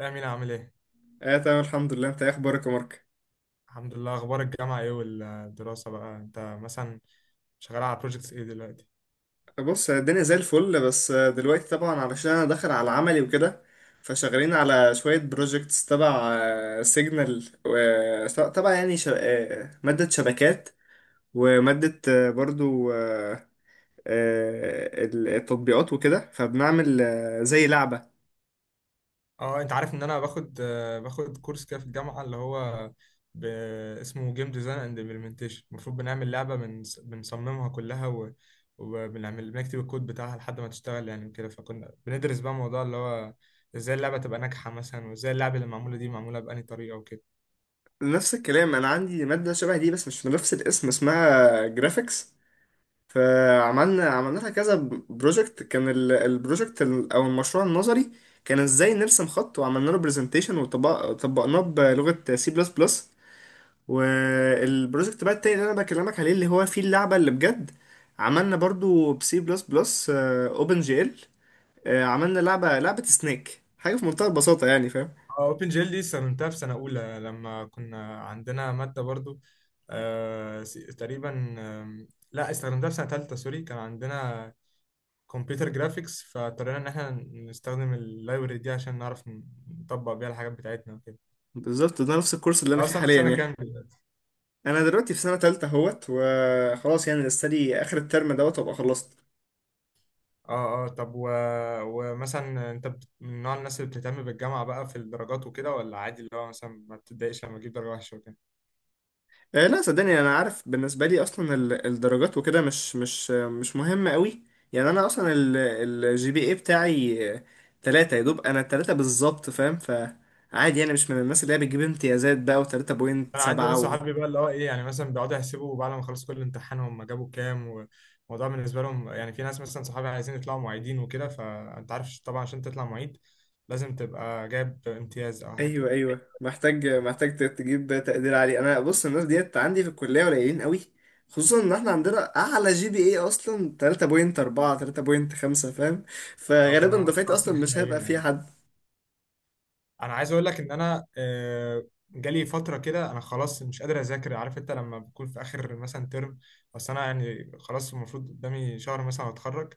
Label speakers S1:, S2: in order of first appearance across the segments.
S1: يا أمين عامل إيه؟
S2: اه تمام، الحمد لله. انت ايه اخبارك يا مارك؟
S1: الحمد لله، أخبار الجامعة إيه والدراسة بقى؟ أنت مثلا شغال على بروجيكتس إيه دلوقتي؟
S2: بص، الدنيا زي الفل، بس دلوقتي طبعا علشان انا داخل على عملي وكده، فشغالين على شوية بروجكتس تبع سيجنال، تبع يعني ش... آه، مادة شبكات، ومادة آه، برضو آه، آه، التطبيقات وكده، فبنعمل زي لعبة.
S1: أه أنت عارف إن أنا باخد باخد كورس كده في الجامعة اللي هو ب... اسمه جيم ديزاين أند إمبلمنتيشن. المفروض بنعمل لعبة بنصممها كلها وبنعمل، بنكتب الكود بتاعها لحد ما تشتغل يعني وكده. فكنا بندرس بقى موضوع اللي هو إزاي اللعبة تبقى ناجحة مثلا، وإزاي اللعبة اللي معمولة دي معمولة بأنهي طريقة وكده.
S2: نفس الكلام، انا عندي مادة شبه دي بس مش بنفس الاسم، اسمها جرافيكس. فعملنا كذا بروجكت. كان البروجكت او المشروع النظري كان ازاي نرسم خط، وعملنا له برزنتيشن وطبقناه بلغة سي بلس بلس. والبروجكت بقى التاني اللي انا بكلمك عليه اللي هو فيه اللعبة اللي بجد، عملنا برضو بسي بلس بلس اوبن جي ال. عملنا لعبة، لعبة سنيك، حاجة في منتهى البساطة يعني، فاهم؟
S1: اوبن جيل دي استخدمتها في سنة أولى لما كنا عندنا مادة برضو، تقريبا. لا، استخدمتها في سنة تالتة، سوري. كان عندنا كمبيوتر جرافيكس فاضطرينا إن احنا نستخدم اللايبرري دي عشان نعرف نطبق بيها الحاجات بتاعتنا وكده.
S2: بالظبط، ده نفس الكورس اللي
S1: أنت
S2: انا فيه
S1: أصلا في
S2: حاليا
S1: سنة كام
S2: يعني.
S1: دلوقتي؟
S2: انا دلوقتي في سنة تالتة اهوت وخلاص يعني، لسه لي اخر الترم دوت وابقى خلصت.
S1: اه اه، طب ومثلا أنت من نوع الناس اللي بتهتم بالجامعة بقى في الدرجات وكده، ولا عادي اللي هو مثلا ما بتتضايقش لما تجيب درجة وحشة وكده؟
S2: لا صدقني، انا عارف بالنسبه لي اصلا الدرجات وكده مش مهمه قوي. يعني انا اصلا الجي بي اي بتاعي ثلاثة يا دوب، انا ثلاثة بالظبط، فاهم؟ فعادي يعني، مش من الناس اللي هي بتجيب امتيازات بقى وثلاثة بوينت
S1: انا عندي ناس
S2: سبعة و...
S1: صحابي بقى اللي هو ايه، يعني مثلا بيقعدوا يحسبوا بعد ما خلصوا كل امتحان هم جابوا كام. والموضوع بالنسبه لهم يعني، في ناس مثلا صحابي عايزين يطلعوا معيدين وكده، فانت عارف طبعا عشان تطلع معيد لازم تبقى جايب امتياز او حاجه
S2: ايوه
S1: كده.
S2: ايوه، محتاج تجيب تقدير عالي. انا بص، الناس ديت عندي في الكليه قليلين قوي، خصوصا ان احنا عندنا اعلى جي بي اي اصلا 3.4 3.5، فاهم؟
S1: اه،
S2: فغالبا
S1: فالمنافسه
S2: دفعتي
S1: اصلا
S2: اصلا مش
S1: حنينه
S2: هيبقى فيها
S1: يعني.
S2: حد.
S1: انا عايز اقول لك ان انا جالي فتره كده انا خلاص مش قادر اذاكر، عارف انت لما بكون في اخر مثلا ترم، بس انا يعني خلاص المفروض قدامي شهر مثلا اتخرج.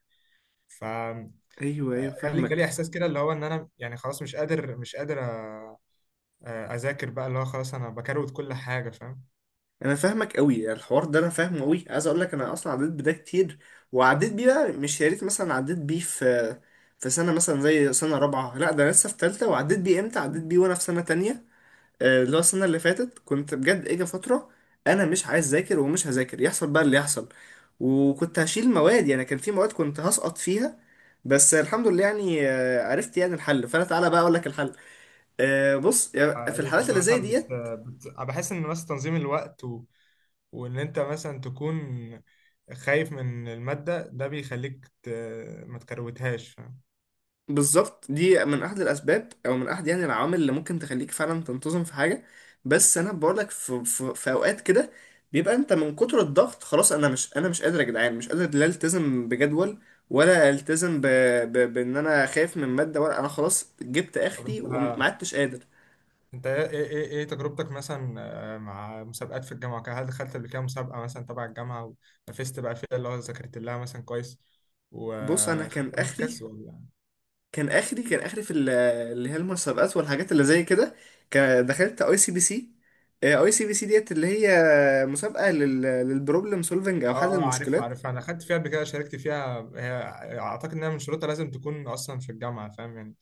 S1: ف آه،
S2: ايوه ايوه،
S1: جالي
S2: فاهمك.
S1: احساس كده اللي هو ان انا يعني خلاص مش قادر اذاكر بقى، اللي هو خلاص انا بكروت كل حاجه، فاهم.
S2: انا فاهمك قوي، يعني الحوار ده انا فاهمه قوي. عايز اقول لك انا اصلا عديت بده كتير، وعديت بيه بقى مش يا ريت مثلا عديت بيه في سنه مثلا زي سنه رابعه، لا ده أنا لسه في ثالثه، وعديت بيه امتى؟ عديت بيه وانا في سنه تانية. اللي هو السنه اللي فاتت كنت بجد اجى فتره انا مش عايز اذاكر ومش هذاكر، يحصل بقى اللي يحصل. وكنت هشيل مواد، يعني كان في مواد كنت هسقط فيها. بس الحمد لله يعني، عرفت يعني الحل. فانا تعالى بقى اقول لك الحل. بص يعني في
S1: ايه،
S2: الحالات
S1: كنت
S2: اللي زي
S1: مثلا
S2: ديت،
S1: بحس ان مثلا تنظيم الوقت وان انت مثلا تكون خايف من الماده ده بيخليك ما تكروتهاش، فاهم.
S2: بالظبط دي من احد الاسباب او من احد يعني العوامل اللي ممكن تخليك فعلا تنتظم في حاجه. بس انا بقول لك في اوقات كده بيبقى انت من كتر الضغط، خلاص انا مش، انا مش قادر يا جدعان، مش قادر لا التزم بجدول ولا التزم بان انا خايف من ماده، ولا انا خلاص جبت
S1: طب
S2: اخري
S1: انت
S2: وما عدتش قادر.
S1: انت ايه إيه إيه تجربتك مثلا مع مسابقات في الجامعه وكده؟ هل دخلت قبل كده مسابقه مثلا تبع الجامعه ونافست بقى فيها اللي هو ذاكرت لها مثلا كويس
S2: بص انا كان
S1: وخدت
S2: اخري
S1: مركز ولا؟
S2: كان اخري كان اخري في اللي هي المسابقات والحاجات اللي زي كده، كان دخلت اي سي بي سي. اي سي بي سي ديت اللي هي مسابقه للبروبلم سولفنج او حل
S1: اه اه، عارف
S2: المشكلات.
S1: عارف انا خدت فيها قبل كده، شاركت فيها هي. اعتقد انها من شروطها لازم تكون اصلا في الجامعه، فاهم يعني.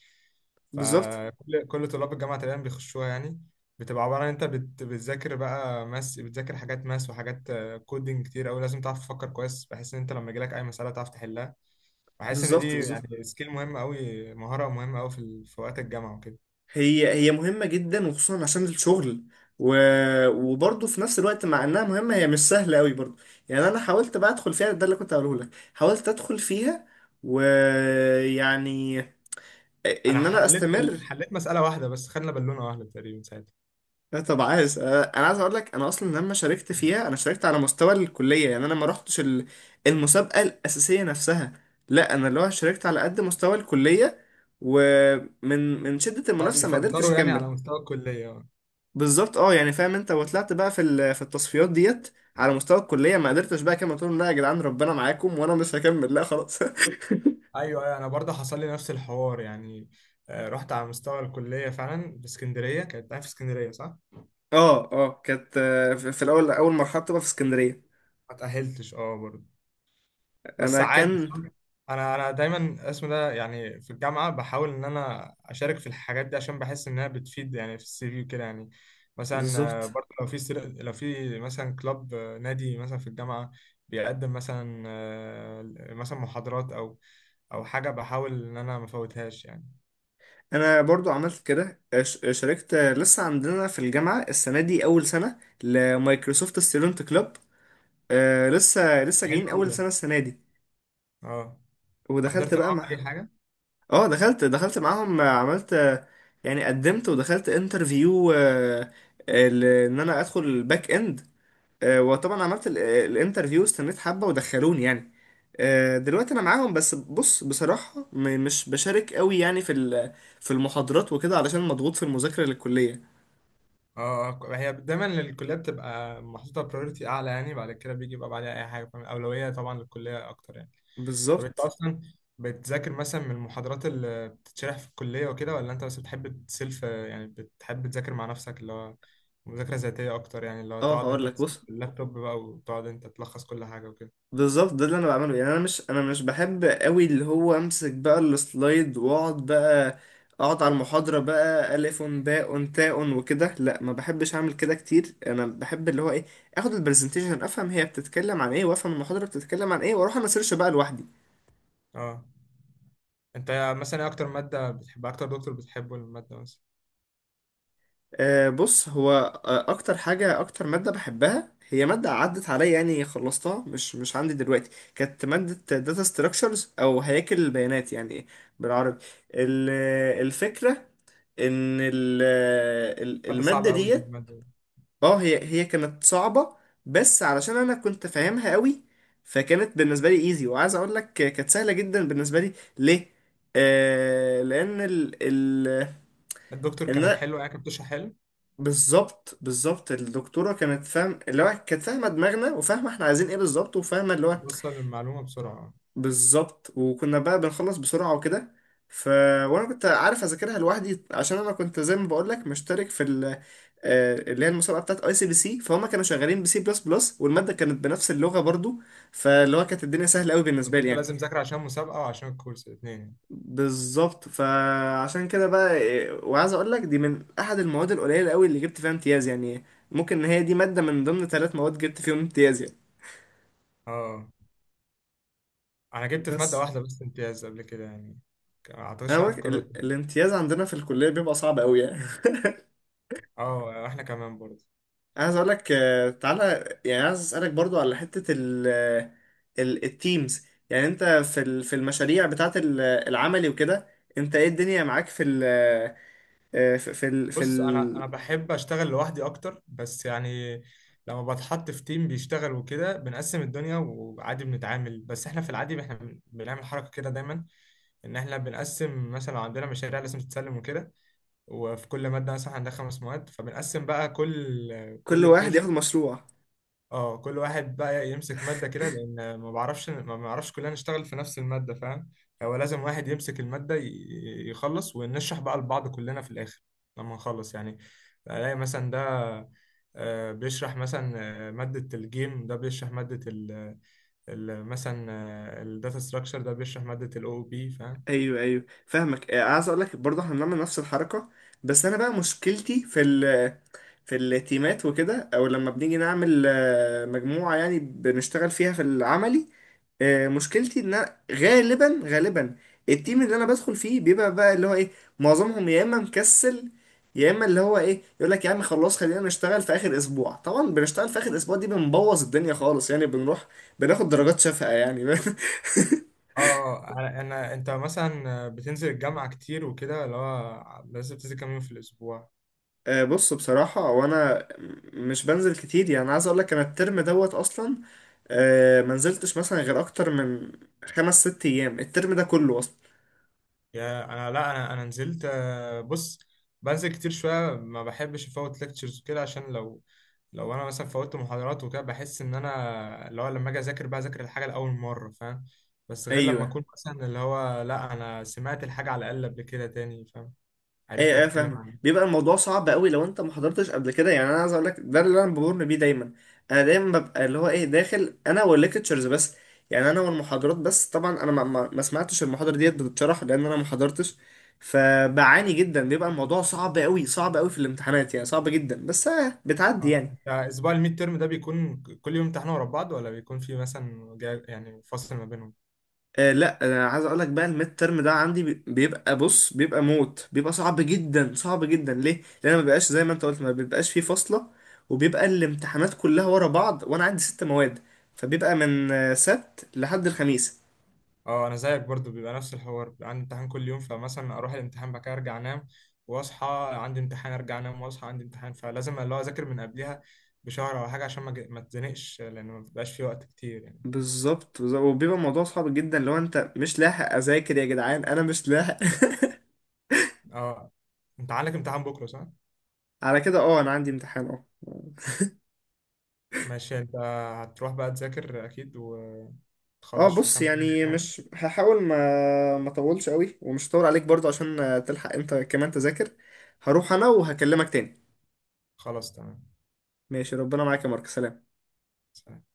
S2: بالظبط
S1: فكل طلاب الجامعه تقريبا بيخشوها يعني. بتبقى عباره عن انت بتذاكر بقى ماس، بتذاكر حاجات ماس وحاجات كودينج كتير قوي. لازم تعرف تفكر كويس بحيث ان انت لما يجيلك اي مساله تعرف تحلها. بحس ان
S2: بالظبط
S1: دي
S2: بالظبط،
S1: يعني سكيل مهمه قوي، مهاره مهمه قوي في في وقت الجامعه وكده.
S2: هي مهمه جدا، وخصوصا عشان الشغل. و... وبرضه في نفس الوقت مع انها مهمه هي مش سهله قوي برضه. يعني انا حاولت بقى ادخل فيها، ده اللي كنت هقوله لك، حاولت ادخل فيها ويعني
S1: انا
S2: ان انا استمر.
S1: حليت مساله واحده بس، خدنا بالونه واحده تقريبا ساعتها.
S2: لا طب عايز، انا عايز اقول لك، انا اصلا لما شاركت فيها انا شاركت على مستوى الكليه، يعني انا ما رحتش المسابقه الاساسيه نفسها، لا انا اللي هو شاركت على قد مستوى الكليه. ومن شده
S1: اه،
S2: المنافسه ما قدرتش
S1: بيفلتروا يعني
S2: اكمل.
S1: على مستوى الكليه.
S2: بالظبط، اه يعني فاهم انت، وطلعت بقى في في التصفيات ديت على مستوى الكليه، ما قدرتش بقى اكمل، قلت لهم لا يا جدعان ربنا معاكم وانا مش هكمل، لا خلاص.
S1: ايوه ايوه، انا برضه حصل لي نفس الحوار يعني. رحت على مستوى الكليه فعلا في اسكندريه، كانت أنا في اسكندريه، صح.
S2: اه اه، كانت في في الاول اول مرحله بتبقى في اسكندريه.
S1: ما تاهلتش، اه برضه، بس
S2: انا
S1: عادي،
S2: كان
S1: فاهم؟ انا دايما اسمه ده يعني في الجامعه بحاول ان انا اشارك في الحاجات دي، عشان بحس انها بتفيد يعني في السي في وكده يعني. مثلا
S2: بالظبط.
S1: برضه لو في لو في مثلا كلاب، نادي مثلا في الجامعه بيقدم مثلا مثلا محاضرات او او حاجه، بحاول ان انا ما افوتهاش يعني.
S2: انا برضو عملت كده، شاركت. لسه عندنا في الجامعه السنه دي اول سنه لمايكروسوفت ستودنت كلوب. آه لسه، لسه
S1: حلو
S2: جايين
S1: قوي
S2: اول
S1: ده.
S2: سنه السنه دي.
S1: اه،
S2: ودخلت
S1: وحضرت
S2: بقى
S1: معاهم
S2: مع،
S1: اي حاجه.
S2: اه دخلت، دخلت معاهم. عملت، يعني قدمت ودخلت انترفيو ان انا ادخل الباك اند. وطبعا عملت الانترفيو، استنيت حبه ودخلوني يعني. دلوقتي انا معاهم، بس بص بصراحه مش بشارك قوي يعني في في المحاضرات وكده، علشان مضغوط في المذاكره للكليه.
S1: اه، هي دايما للكليات بتبقى محطوطة برايورتي أعلى يعني، بعد كده بيجي يبقى بعدها أي حاجة، فاهم؟ أولوية طبعا للكلية أكتر يعني. طب أنت
S2: بالظبط.
S1: أصلا بتذاكر مثلا من المحاضرات اللي بتتشرح في الكلية وكده، ولا أنت بس بتحب تسلف؟ يعني بتحب تذاكر مع نفسك، اللي هو مذاكرة ذاتية أكتر يعني، اللي هو
S2: اه
S1: تقعد
S2: هقول
S1: أنت
S2: لك
S1: بس
S2: بص،
S1: باللابتوب بقى وتقعد أنت تلخص كل حاجة وكده.
S2: بالظبط ده اللي انا بعمله يعني. انا مش، انا مش بحب قوي اللي هو امسك بقى السلايد واقعد بقى اقعد على المحاضرة بقى الف باء تاء وكده، لا ما بحبش اعمل كده كتير. انا بحب اللي هو ايه، اخد البرزنتيشن افهم هي بتتكلم عن ايه، وافهم المحاضرة بتتكلم عن ايه، واروح انا سيرش بقى لوحدي.
S1: اه، أنت مثلا إيه أكتر مادة بتحبها، أكتر دكتور بتحبه، المادة مثلا؟
S2: بص هو، اكتر حاجه، اكتر ماده بحبها هي ماده عدت عليا يعني، خلصتها، مش مش عندي دلوقتي، كانت ماده داتا ستراكشرز او هياكل البيانات يعني بالعربي. الفكره ان
S1: مادة
S2: الماده
S1: صعبة أوي دي،
S2: ديت،
S1: المادة دي.
S2: اه هي كانت صعبه، بس علشان انا كنت فاهمها قوي فكانت بالنسبه لي ايزي. وعايز اقول لك كانت سهله جدا بالنسبه لي ليه؟ آه لان ال
S1: الدكتور
S2: ال
S1: كان حلو يعني، كان بتشرح حلو
S2: بالظبط، بالظبط الدكتوره كانت فاهم اللي هو، كانت فاهمه دماغنا وفاهمه احنا عايزين ايه بالظبط، وفاهمه اللي هو
S1: وتوصل المعلومة بسرعة.
S2: بالظبط. وكنا بقى بنخلص بسرعه وكده. ف، وانا كنت عارف اذاكرها لوحدي عشان انا كنت زي ما بقول لك مشترك في ال... آه، اللي هي المسابقه بتاعت اي سي بي سي، فهم كانوا شغالين بسي بلس بلس والماده كانت بنفس اللغه برضو، فاللي هو كانت الدنيا سهله قوي
S1: كنت
S2: بالنسبه لي
S1: انت
S2: يعني.
S1: لازم تذاكر عشان مسابقة وعشان الكورس، الاثنين يعني.
S2: بالظبط، فعشان كده بقى وعايز اقول لك دي من احد المواد القليله قوي اللي جبت فيها امتياز يعني. ممكن ان هي دي ماده من ضمن ثلاث مواد جبت فيهم امتياز يعني.
S1: اه انا جبت في مادة
S2: بس
S1: واحدة بس امتياز قبل كده يعني. ما
S2: انا
S1: اعتقدش انها
S2: بقولك
S1: هتتكرر تاني.
S2: الامتياز عندنا في الكليه بيبقى صعب قوي يعني.
S1: اه احنا كمان برضه.
S2: عايز اقول لك تعالى. يعني عايز اسالك برضو على حته التيمز. يعني انت في في المشاريع بتاعت العملي وكده، انت ايه الدنيا معاك في ال آه، في في ال في
S1: بص، انا
S2: ال
S1: بحب اشتغل لوحدي اكتر بس يعني. لما بتحط في تيم بيشتغل وكده بنقسم الدنيا وعادي بنتعامل، بس احنا في العادي احنا بنعمل حركة كده دايما، ان احنا بنقسم مثلا لو عندنا مشاريع لازم تتسلم وكده. وفي كل مادة مثلا عندها خمس مواد، فبنقسم بقى كل
S2: كل
S1: كل
S2: واحد ياخد
S1: بروجكت.
S2: مشروع؟
S1: اه، كل واحد بقى يمسك مادة كده، لأن ما بعرفش، ما بعرفش كلنا نشتغل في نفس المادة، فاهم. هو لازم واحد يمسك المادة يخلص ونشرح بقى لبعض كلنا في الآخر لما نخلص يعني. ألاقي مثلا ده بيشرح مثلا مادة الجيم، ده بيشرح مادة ال مثلا الداتا ستراكشر، ده بيشرح مادة ال او بي، فاهم.
S2: ايوه ايوه فاهمك. عايز اقول لك برضه احنا بنعمل نفس الحركه. بس انا بقى مشكلتي في في التيمات وكده، او لما بنيجي نعمل مجموعه يعني بنشتغل فيها في العملي. مشكلتي ان أنا غالبا التيم اللي انا بدخل فيه بيبقى بقى اللي هو ايه، معظمهم يا اما مكسل، يا اما اللي هو ايه يقول لك يا عم خلاص خلينا نشتغل في اخر اسبوع. طبعا بنشتغل في اخر اسبوع دي بنبوظ الدنيا خالص يعني، بنروح بناخد درجات شفقة يعني.
S1: اه، انا انت مثلا بتنزل الجامعة كتير وكده؟ اللي هو لازم تنزل كام يوم في الأسبوع؟
S2: بص بصراحة، وانا مش بنزل كتير يعني. عايز اقول لك انا الترم دوت اصلا، ما نزلتش مثلا غير اكتر من خمس ست ايام الترم ده كله اصلا.
S1: يا انا لا، انا نزلت، بص بنزل كتير شويه، ما بحبش افوت ليكتشرز وكده، عشان لو لو انا مثلا فوتت محاضرات وكده بحس ان انا اللي هو لما اجي اذاكر بقى اذاكر الحاجه لاول مره، فاهم. بس غير لما
S2: ايوه،
S1: اكون مثلا اللي هو لا انا سمعت الحاجه على الاقل قبل كده تاني، فاهم، عرفت
S2: ايه
S1: بتتكلم
S2: فاهمك.
S1: عنها.
S2: بيبقى الموضوع صعب قوي لو انت ما حضرتش قبل كده يعني. انا عايز اقول لك ده اللي انا بمر بيه دايما. انا دايما ببقى اللي هو ايه، داخل انا والليكتشرز بس، يعني انا والمحاضرات بس. طبعا انا ما سمعتش المحاضره ديت بتتشرح لان انا ما حضرتش، فبعاني جدا. بيبقى الموضوع صعب قوي، صعب قوي في الامتحانات يعني، صعب جدا، بس آه بتعدي يعني.
S1: انت اسبوع الميد تيرم ده بيكون كل يوم امتحان ورا بعض، ولا بيكون في مثلا يعني فصل ما بينهم؟
S2: آه لا انا عايز اقول لك بقى الميد ترم ده عندي بي- بيبقى بص، بيبقى موت، بيبقى صعب جدا صعب جدا. ليه؟ لان أنا ما بيبقاش زي ما انت قلت، ما بيبقاش فيه فاصله، وبيبقى الامتحانات كلها ورا بعض، وانا عندي ست مواد. فبيبقى من سبت لحد الخميس.
S1: اه انا زيك برضو، بيبقى نفس الحوار. بيبقى عندي امتحان كل يوم، فمثلا اروح الامتحان بعد كده ارجع انام واصحى عندي امتحان، ارجع انام واصحى عندي امتحان، فلازم اللي هو اذاكر من قبلها بشهر او حاجه، عشان ما اتزنقش، لان ما بيبقاش في وقت كتير يعني.
S2: بالظبط، بالظبط. وبيبقى الموضوع صعب جدا لو انت مش لاحق اذاكر. يا جدعان انا مش لاحق.
S1: اه. انت عندك امتحان بكره، صح؟
S2: على كده اه، انا عندي امتحان. اه
S1: ماشي، انت هتروح بقى تذاكر اكيد
S2: اه.
S1: وتخلص في
S2: بص
S1: كام حاجه
S2: يعني
S1: يعني.
S2: مش هحاول، ما ما اطولش قوي ومش هطول عليك برضه عشان تلحق انت كمان تذاكر. هروح انا وهكلمك تاني.
S1: خلاص، تمام.
S2: ماشي، ربنا معاك يا مارك، سلام.
S1: سلام.